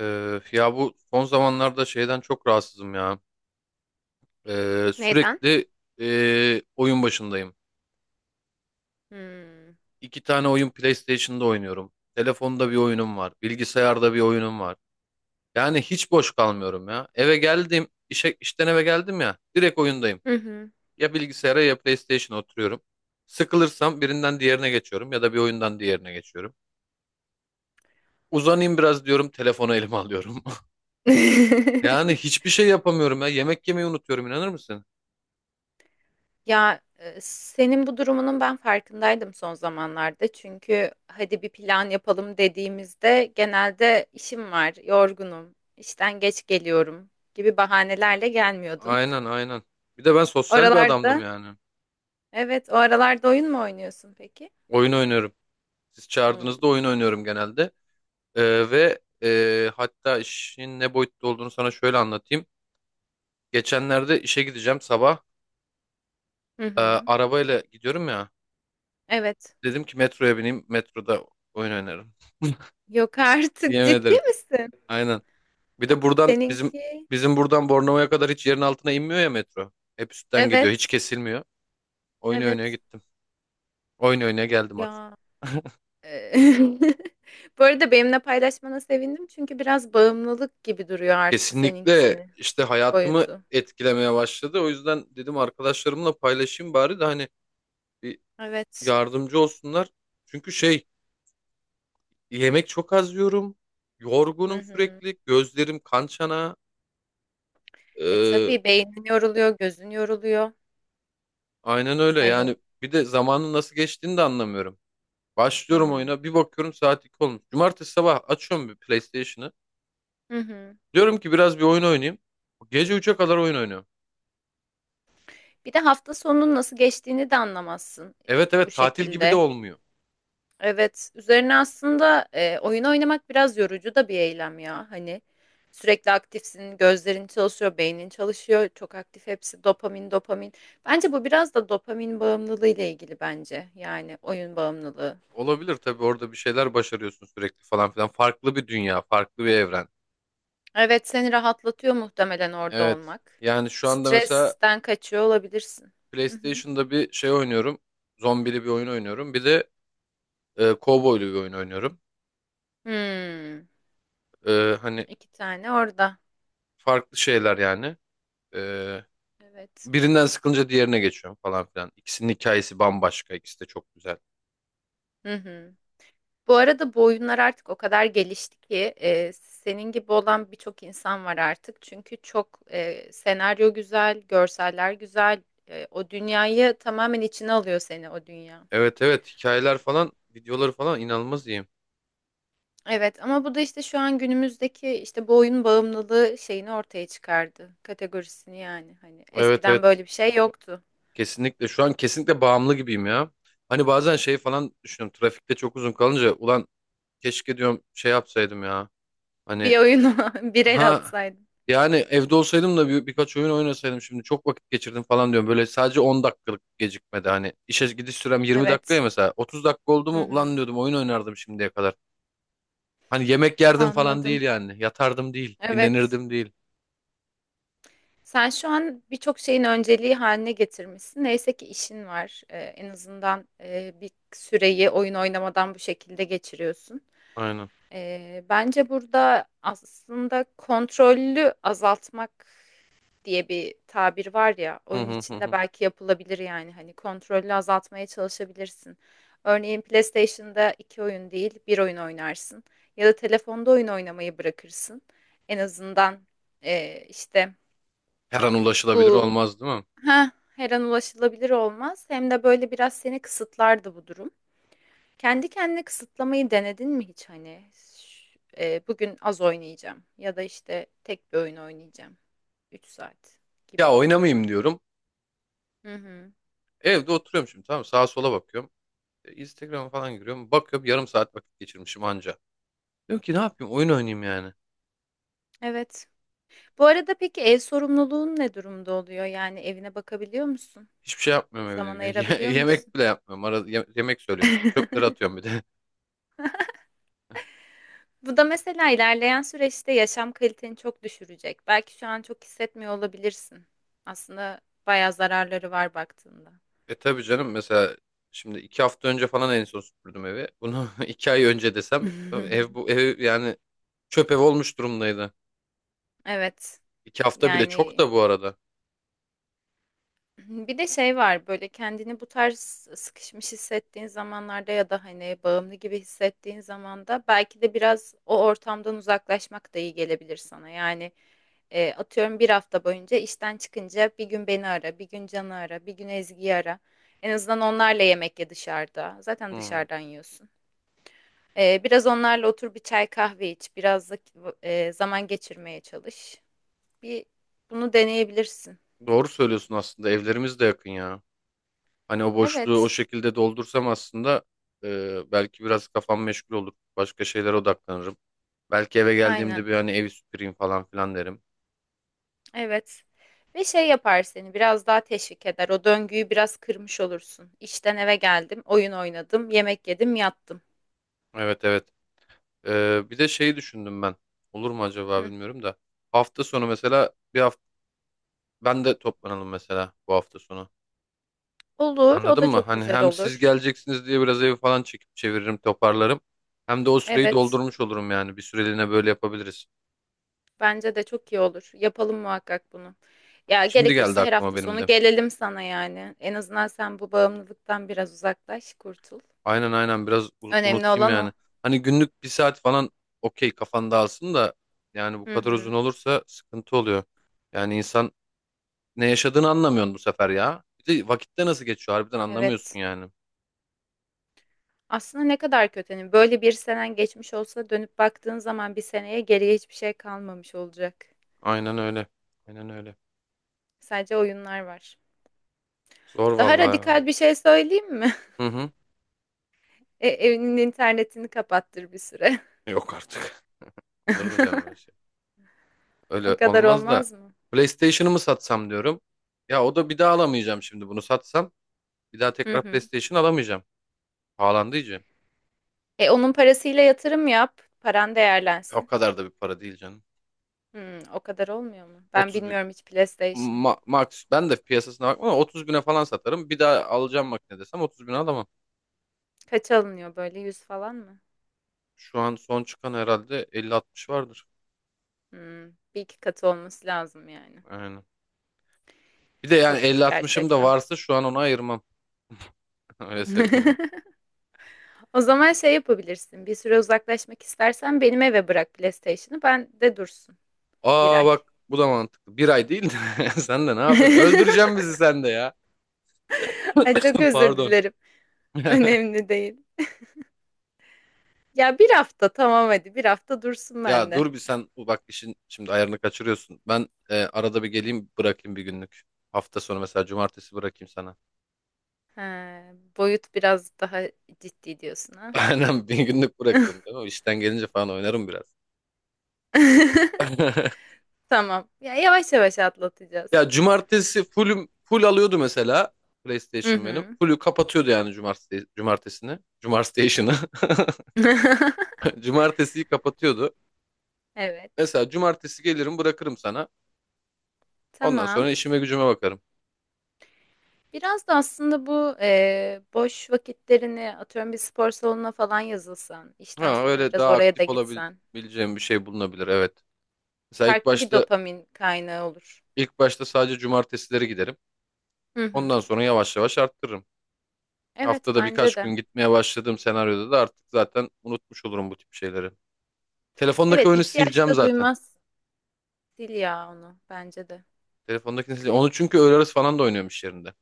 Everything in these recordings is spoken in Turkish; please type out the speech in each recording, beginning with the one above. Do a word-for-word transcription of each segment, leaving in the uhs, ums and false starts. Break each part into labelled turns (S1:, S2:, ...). S1: Ee, ya bu son zamanlarda şeyden çok rahatsızım ya. Ee,
S2: Neden?
S1: sürekli ee, oyun başındayım.
S2: Hmm.
S1: İki tane oyun PlayStation'da oynuyorum. Telefonda bir oyunum var. Bilgisayarda bir oyunum var. Yani hiç boş kalmıyorum ya. Eve geldim, işe, işten eve geldim ya. Direkt oyundayım.
S2: Hı hı.
S1: Ya bilgisayara ya PlayStation'a oturuyorum. Sıkılırsam birinden diğerine geçiyorum ya da bir oyundan diğerine geçiyorum. Uzanayım biraz diyorum, telefonu elime alıyorum. Yani hiçbir şey yapamıyorum ya. Yemek yemeyi unutuyorum inanır mısın?
S2: Ya e, senin bu durumunun ben farkındaydım son zamanlarda. Çünkü hadi bir plan yapalım dediğimizde genelde işim var, yorgunum, işten geç geliyorum gibi bahanelerle gelmiyordun.
S1: Aynen aynen. Bir de ben sosyal bir adamdım
S2: Oralarda,
S1: yani.
S2: evet, o aralarda oyun mu oynuyorsun peki?
S1: Oyun oynuyorum. Siz çağırdığınızda
S2: Hmm.
S1: oyun oynuyorum genelde. Ee, ve e, hatta işin ne boyutta olduğunu sana şöyle anlatayım. Geçenlerde işe gideceğim sabah.
S2: Hı
S1: Ee,
S2: hı.
S1: arabayla gidiyorum ya.
S2: Evet.
S1: Dedim ki metroya bineyim. Metroda oyun oynarım.
S2: Yok artık
S1: Yemin
S2: ciddi
S1: ederim.
S2: misin?
S1: Aynen. Bir de buradan bizim
S2: Seninki?
S1: bizim buradan Bornova'ya kadar hiç yerin altına inmiyor ya metro. Hep üstten gidiyor. Hiç
S2: Evet.
S1: kesilmiyor. Oyun oynaya
S2: Evet.
S1: gittim. Oyun oynaya geldim akşam.
S2: Ya. Eee, Bu arada benimle paylaşmana sevindim çünkü biraz bağımlılık gibi duruyor artık
S1: Kesinlikle
S2: seninkisini
S1: işte hayatımı
S2: boyutu.
S1: etkilemeye başladı. O yüzden dedim arkadaşlarımla paylaşayım bari de hani bir
S2: Evet.
S1: yardımcı olsunlar. Çünkü şey yemek çok az yiyorum.
S2: Hı
S1: Yorgunum
S2: hı.
S1: sürekli. Gözlerim kan çanağı.
S2: E
S1: Ee,
S2: tabii beynin yoruluyor, gözün yoruluyor.
S1: aynen öyle
S2: Hani.
S1: yani. Bir de zamanın nasıl geçtiğini de anlamıyorum.
S2: Hı
S1: Başlıyorum
S2: hı.
S1: oyuna bir bakıyorum saat iki olmuş. Cumartesi sabah açıyorum bir PlayStation'ı.
S2: Hı hı.
S1: Diyorum ki biraz bir oyun oynayayım. Gece üçe kadar oyun oynuyorum.
S2: Bir de hafta sonunun nasıl geçtiğini de anlamazsın
S1: Evet
S2: bu
S1: evet, tatil gibi de
S2: şekilde.
S1: olmuyor.
S2: Evet, üzerine aslında e, oyun oynamak biraz yorucu da bir eylem ya. Hani sürekli aktifsin, gözlerin çalışıyor, beynin çalışıyor, çok aktif hepsi dopamin, dopamin. Bence bu biraz da dopamin bağımlılığı ile ilgili bence. Yani oyun bağımlılığı.
S1: Olabilir tabii, orada bir şeyler başarıyorsun sürekli falan filan. Farklı bir dünya, farklı bir evren.
S2: Evet, seni rahatlatıyor muhtemelen orada
S1: Evet.
S2: olmak.
S1: Yani şu anda mesela
S2: Stresten kaçıyor olabilirsin. Hı hı.
S1: PlayStation'da bir şey oynuyorum. Zombili bir oyun oynuyorum. Bir de e, kovboylu bir oyun oynuyorum.
S2: Hmm,
S1: E, hani
S2: iki tane orada.
S1: farklı şeyler yani. E,
S2: Evet.
S1: Birinden sıkılınca diğerine geçiyorum falan filan. İkisinin hikayesi bambaşka. İkisi de çok güzel.
S2: Hı hı. Bu arada bu oyunlar artık o kadar gelişti ki e, senin gibi olan birçok insan var artık. Çünkü çok e, senaryo güzel, görseller güzel. E, o dünyayı tamamen içine alıyor seni o dünya.
S1: Evet evet, hikayeler falan, videoları falan inanılmaz iyi.
S2: Evet ama bu da işte şu an günümüzdeki işte bu oyun bağımlılığı şeyini ortaya çıkardı. Kategorisini yani. Hani
S1: Evet
S2: eskiden
S1: evet,
S2: böyle bir şey yoktu.
S1: kesinlikle. Şu an kesinlikle bağımlı gibiyim ya. Hani bazen şey falan düşünüyorum. Trafikte çok uzun kalınca ulan, keşke diyorum şey yapsaydım ya. Hani
S2: Bir oyunu bir el
S1: ha,
S2: atsaydın.
S1: yani evde olsaydım da bir, birkaç oyun oynasaydım şimdi çok vakit geçirdim falan diyorum. Böyle sadece on dakikalık gecikmedi, hani işe gidiş sürem yirmi dakikaya
S2: Evet.
S1: mesela otuz dakika oldu
S2: Hı
S1: mu ulan
S2: hı.
S1: diyordum oyun oynardım şimdiye kadar. Hani yemek yerdim falan
S2: Anladım.
S1: değil, yani yatardım değil,
S2: Evet.
S1: dinlenirdim değil.
S2: Sen şu an birçok şeyin önceliği haline getirmişsin. Neyse ki işin var. Ee, en azından e, bir süreyi oyun oynamadan bu şekilde geçiriyorsun.
S1: Aynen.
S2: Ee, bence burada aslında kontrollü azaltmak diye bir tabir var ya.
S1: Hı
S2: Oyun
S1: hı hı
S2: içinde
S1: hı.
S2: belki yapılabilir yani. Hani kontrollü azaltmaya çalışabilirsin. Örneğin PlayStation'da iki oyun değil, bir oyun oynarsın. Ya da telefonda oyun oynamayı bırakırsın. En azından e, işte
S1: Her an ulaşılabilir
S2: bu.
S1: olmaz değil mi?
S2: Ha, her an ulaşılabilir olmaz. Hem de böyle biraz seni kısıtlardı bu durum. Kendi kendine kısıtlamayı denedin mi hiç hani? Ş- e, bugün az oynayacağım ya da işte tek bir oyun oynayacağım. Üç saat
S1: Ya
S2: gibi.
S1: oynamayayım diyorum.
S2: Hı hı.
S1: Evde oturuyorum şimdi, tamam mı? Sağa sola bakıyorum. E, Instagram'a falan giriyorum. Bakıyorum yarım saat vakit geçirmişim anca. Diyorum ki ne yapayım, oyun oynayayım yani.
S2: Evet. Bu arada peki ev sorumluluğun ne durumda oluyor? Yani evine bakabiliyor musun?
S1: Hiçbir şey yapmıyorum
S2: Zaman
S1: evde. Ye-
S2: ayırabiliyor
S1: Yemek
S2: musun?
S1: bile yapmıyorum. Arada ye- yemek söylüyorum işte. Çöpleri atıyorum bir de.
S2: Bu da mesela ilerleyen süreçte yaşam kaliteni çok düşürecek. Belki şu an çok hissetmiyor olabilirsin. Aslında bayağı zararları var baktığında.
S1: E tabii canım, mesela şimdi iki hafta önce falan en son süpürdüm evi. Bunu iki ay önce desem, ev bu ev yani çöp ev olmuş durumdaydı.
S2: Evet.
S1: İki hafta bile çok
S2: Yani,
S1: da bu arada.
S2: bir de şey var böyle kendini bu tarz sıkışmış hissettiğin zamanlarda ya da hani bağımlı gibi hissettiğin zaman da belki de biraz o ortamdan uzaklaşmak da iyi gelebilir sana. Yani e, atıyorum bir hafta boyunca işten çıkınca bir gün beni ara, bir gün Can'ı ara, bir gün Ezgi'yi ara. En azından onlarla yemek ye dışarıda. Zaten
S1: Hmm.
S2: dışarıdan yiyorsun. E, biraz onlarla otur bir çay kahve iç, biraz da e, zaman geçirmeye çalış. Bir bunu deneyebilirsin.
S1: Doğru söylüyorsun, aslında evlerimiz de yakın ya. Hani o boşluğu o
S2: Evet,
S1: şekilde doldursam aslında e, belki biraz kafam meşgul olur. Başka şeylere odaklanırım. Belki eve geldiğimde
S2: aynen.
S1: bir hani evi süpüreyim falan filan derim.
S2: Evet. Ve şey yapar seni biraz daha teşvik eder. O döngüyü biraz kırmış olursun. İşten eve geldim, oyun oynadım, yemek yedim, yattım.
S1: Evet evet. Ee, bir de şeyi düşündüm ben. Olur mu acaba
S2: Hı.
S1: bilmiyorum da. Hafta sonu mesela bir hafta ben de toplanalım mesela bu hafta sonu.
S2: Olur, o
S1: Anladın
S2: da
S1: mı?
S2: çok
S1: Hani
S2: güzel
S1: hem siz
S2: olur.
S1: geleceksiniz diye biraz evi falan çekip çeviririm, toparlarım. Hem de o süreyi
S2: Evet,
S1: doldurmuş olurum yani. Bir süreliğine böyle yapabiliriz.
S2: bence de çok iyi olur. Yapalım muhakkak bunu. Ya
S1: Şimdi geldi
S2: gerekirse her
S1: aklıma
S2: hafta
S1: benim
S2: sonu
S1: de.
S2: gelelim sana yani. En azından sen bu bağımlılıktan biraz uzaklaş, kurtul.
S1: Aynen aynen, biraz u-
S2: Önemli
S1: unutayım
S2: olan o.
S1: yani. Hani günlük bir saat falan okey, kafan alsın da yani bu
S2: Hı
S1: kadar uzun
S2: hı.
S1: olursa sıkıntı oluyor. Yani insan ne yaşadığını anlamıyorsun bu sefer ya. Bir de vakitte nasıl geçiyor harbiden anlamıyorsun
S2: Evet.
S1: yani.
S2: Aslında ne kadar kötü. Hani böyle bir senen geçmiş olsa dönüp baktığın zaman bir seneye geriye hiçbir şey kalmamış olacak.
S1: Aynen öyle. Aynen öyle.
S2: Sadece oyunlar var.
S1: Zor
S2: Daha
S1: vallahi ya.
S2: radikal bir şey söyleyeyim mi?
S1: Hı hı.
S2: E, evinin internetini kapattır bir süre.
S1: Yok artık. Olur mu canım öyle şey?
S2: O
S1: Öyle
S2: kadar
S1: olmaz da.
S2: olmaz mı?
S1: PlayStation'ımı satsam diyorum. Ya o da bir daha alamayacağım şimdi bunu satsam. Bir daha
S2: Hı
S1: tekrar
S2: hı.
S1: PlayStation alamayacağım. Pahalandı iyice.
S2: E onun parasıyla yatırım yap. Paran
S1: E, O
S2: değerlensin.
S1: kadar da bir para değil canım.
S2: Hmm, o kadar olmuyor mu? Ben
S1: otuz bin.
S2: bilmiyorum hiç PlayStation.
S1: Ma- max. Ben de piyasasına bakmam ama otuz bine falan satarım. Bir daha alacağım makine desem otuz bine alamam.
S2: Kaç alınıyor böyle? Yüz falan mı?
S1: Şu an son çıkan herhalde elli altmış vardır.
S2: Hmm, Bir iki katı olması lazım yani.
S1: Aynen. Bir de yani
S2: Çokmuş
S1: elli altmışım da
S2: gerçekten.
S1: varsa şu an onu ayırmam. Öyle söyleyeyim.
S2: O zaman şey yapabilirsin. Bir süre uzaklaşmak istersen benim eve bırak PlayStation'ı. Ben de dursun bir
S1: Aa
S2: ay.
S1: bak, bu da mantıklı. Bir ay değil de sen de ne yapıyorsun? Öldüreceğim bizi sen de ya.
S2: Ay çok özür
S1: Pardon.
S2: dilerim. Önemli değil. Ya bir hafta tamam hadi bir hafta dursun
S1: Ya
S2: bende.
S1: dur bir sen bak, işin şimdi ayarını kaçırıyorsun. Ben e, arada bir geleyim bırakayım bir günlük. Hafta sonu mesela cumartesi bırakayım sana.
S2: Ha, boyut biraz daha ciddi diyorsun ha.
S1: Aynen, bir günlük bırakırım değil mi? İşten gelince falan oynarım biraz.
S2: Tamam. Ya yavaş yavaş atlatacağız.
S1: Ya cumartesi fullüm full alıyordu mesela
S2: Hı
S1: PlayStation benim.
S2: hı.
S1: Full'ü kapatıyordu yani cumartesi cumartesini. Cumartesi'ni. Cumartesiyi kapatıyordu.
S2: Evet.
S1: Mesela cumartesi gelirim bırakırım sana. Ondan
S2: Tamam.
S1: sonra işime gücüme bakarım.
S2: Biraz da aslında bu e, boş vakitlerini atıyorum bir spor salonuna falan yazılsan, işten
S1: Ha,
S2: sonra
S1: öyle
S2: biraz
S1: daha
S2: oraya da
S1: aktif
S2: gitsen,
S1: olabileceğim bir şey bulunabilir, evet. Mesela ilk
S2: farklı bir
S1: başta
S2: dopamin kaynağı olur.
S1: ilk başta sadece cumartesileri giderim.
S2: Hı
S1: Ondan
S2: hı.
S1: sonra yavaş yavaş arttırırım.
S2: Evet
S1: Haftada
S2: bence
S1: birkaç gün
S2: de.
S1: gitmeye başladığım senaryoda da artık zaten unutmuş olurum bu tip şeyleri. Telefondaki
S2: Evet
S1: oyunu
S2: ihtiyaç
S1: sileceğim
S2: da
S1: zaten.
S2: duymaz. Sil ya onu bence de.
S1: Telefondakini sileceğim. Onu çünkü öğle arası falan da oynuyorum iş yerinde.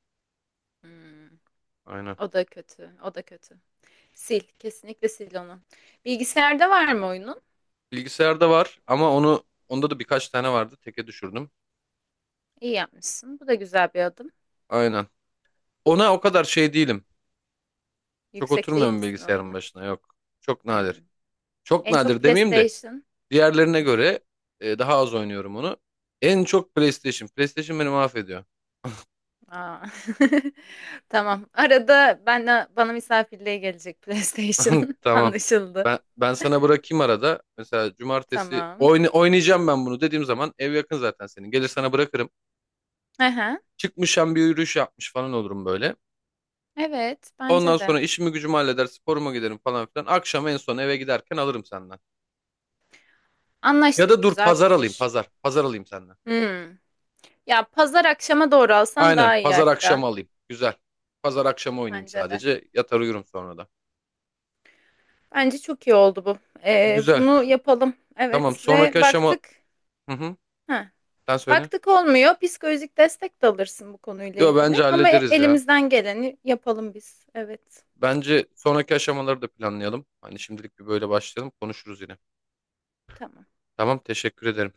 S2: Hmm,
S1: Aynen.
S2: O da kötü. O da kötü. Sil. Kesinlikle sil onu. Bilgisayarda var mı oyunun?
S1: Bilgisayarda var ama onu, onda da birkaç tane vardı. Teke düşürdüm.
S2: İyi yapmışsın. Bu da güzel bir adım.
S1: Aynen. Ona o kadar şey değilim. Çok
S2: Yüksek değil
S1: oturmuyorum
S2: misin
S1: bilgisayarın
S2: oyunu?
S1: başına, yok. Çok nadir.
S2: Hmm.
S1: Çok
S2: En çok
S1: nadir demeyeyim de
S2: PlayStation.
S1: diğerlerine
S2: Hı hı.
S1: göre e, daha az oynuyorum onu. En çok PlayStation. PlayStation beni mahvediyor.
S2: Aa. Tamam. Arada ben bana misafirliğe gelecek PlayStation.
S1: Tamam.
S2: Anlaşıldı.
S1: Ben ben sana bırakayım arada. Mesela cumartesi
S2: Tamam.
S1: oyna, oynayacağım ben bunu dediğim zaman ev yakın zaten senin. Gelir sana bırakırım.
S2: Aha.
S1: Çıkmışım bir yürüyüş yapmış falan olurum böyle.
S2: Evet,
S1: Ondan
S2: bence de.
S1: sonra işimi gücümü halleder, sporuma giderim falan filan. Akşam en son eve giderken alırım senden. Ya
S2: Anlaştık.
S1: da dur
S2: Güzel
S1: pazar alayım,
S2: fikir.
S1: pazar. Pazar alayım senden.
S2: Hmm. Ya pazar akşama doğru alsan
S1: Aynen.
S2: daha iyi
S1: Pazar
S2: hatta.
S1: akşamı alayım. Güzel. Pazar akşamı oynayayım
S2: Bence de.
S1: sadece. Yatar uyurum sonra da.
S2: Bence çok iyi oldu bu. Ee,
S1: Güzel.
S2: bunu yapalım.
S1: Tamam.
S2: Evet
S1: Sonraki
S2: ve
S1: aşama...
S2: baktık.
S1: Hı hı.
S2: Ha,
S1: Sen söyle.
S2: baktık olmuyor. Psikolojik destek de alırsın bu konuyla
S1: Yo bence
S2: ilgili. Ama
S1: hallederiz ya.
S2: elimizden geleni yapalım biz. Evet.
S1: Bence sonraki aşamaları da planlayalım. Hani şimdilik bir böyle başlayalım. Konuşuruz yine.
S2: Tamam.
S1: Tamam. Teşekkür ederim.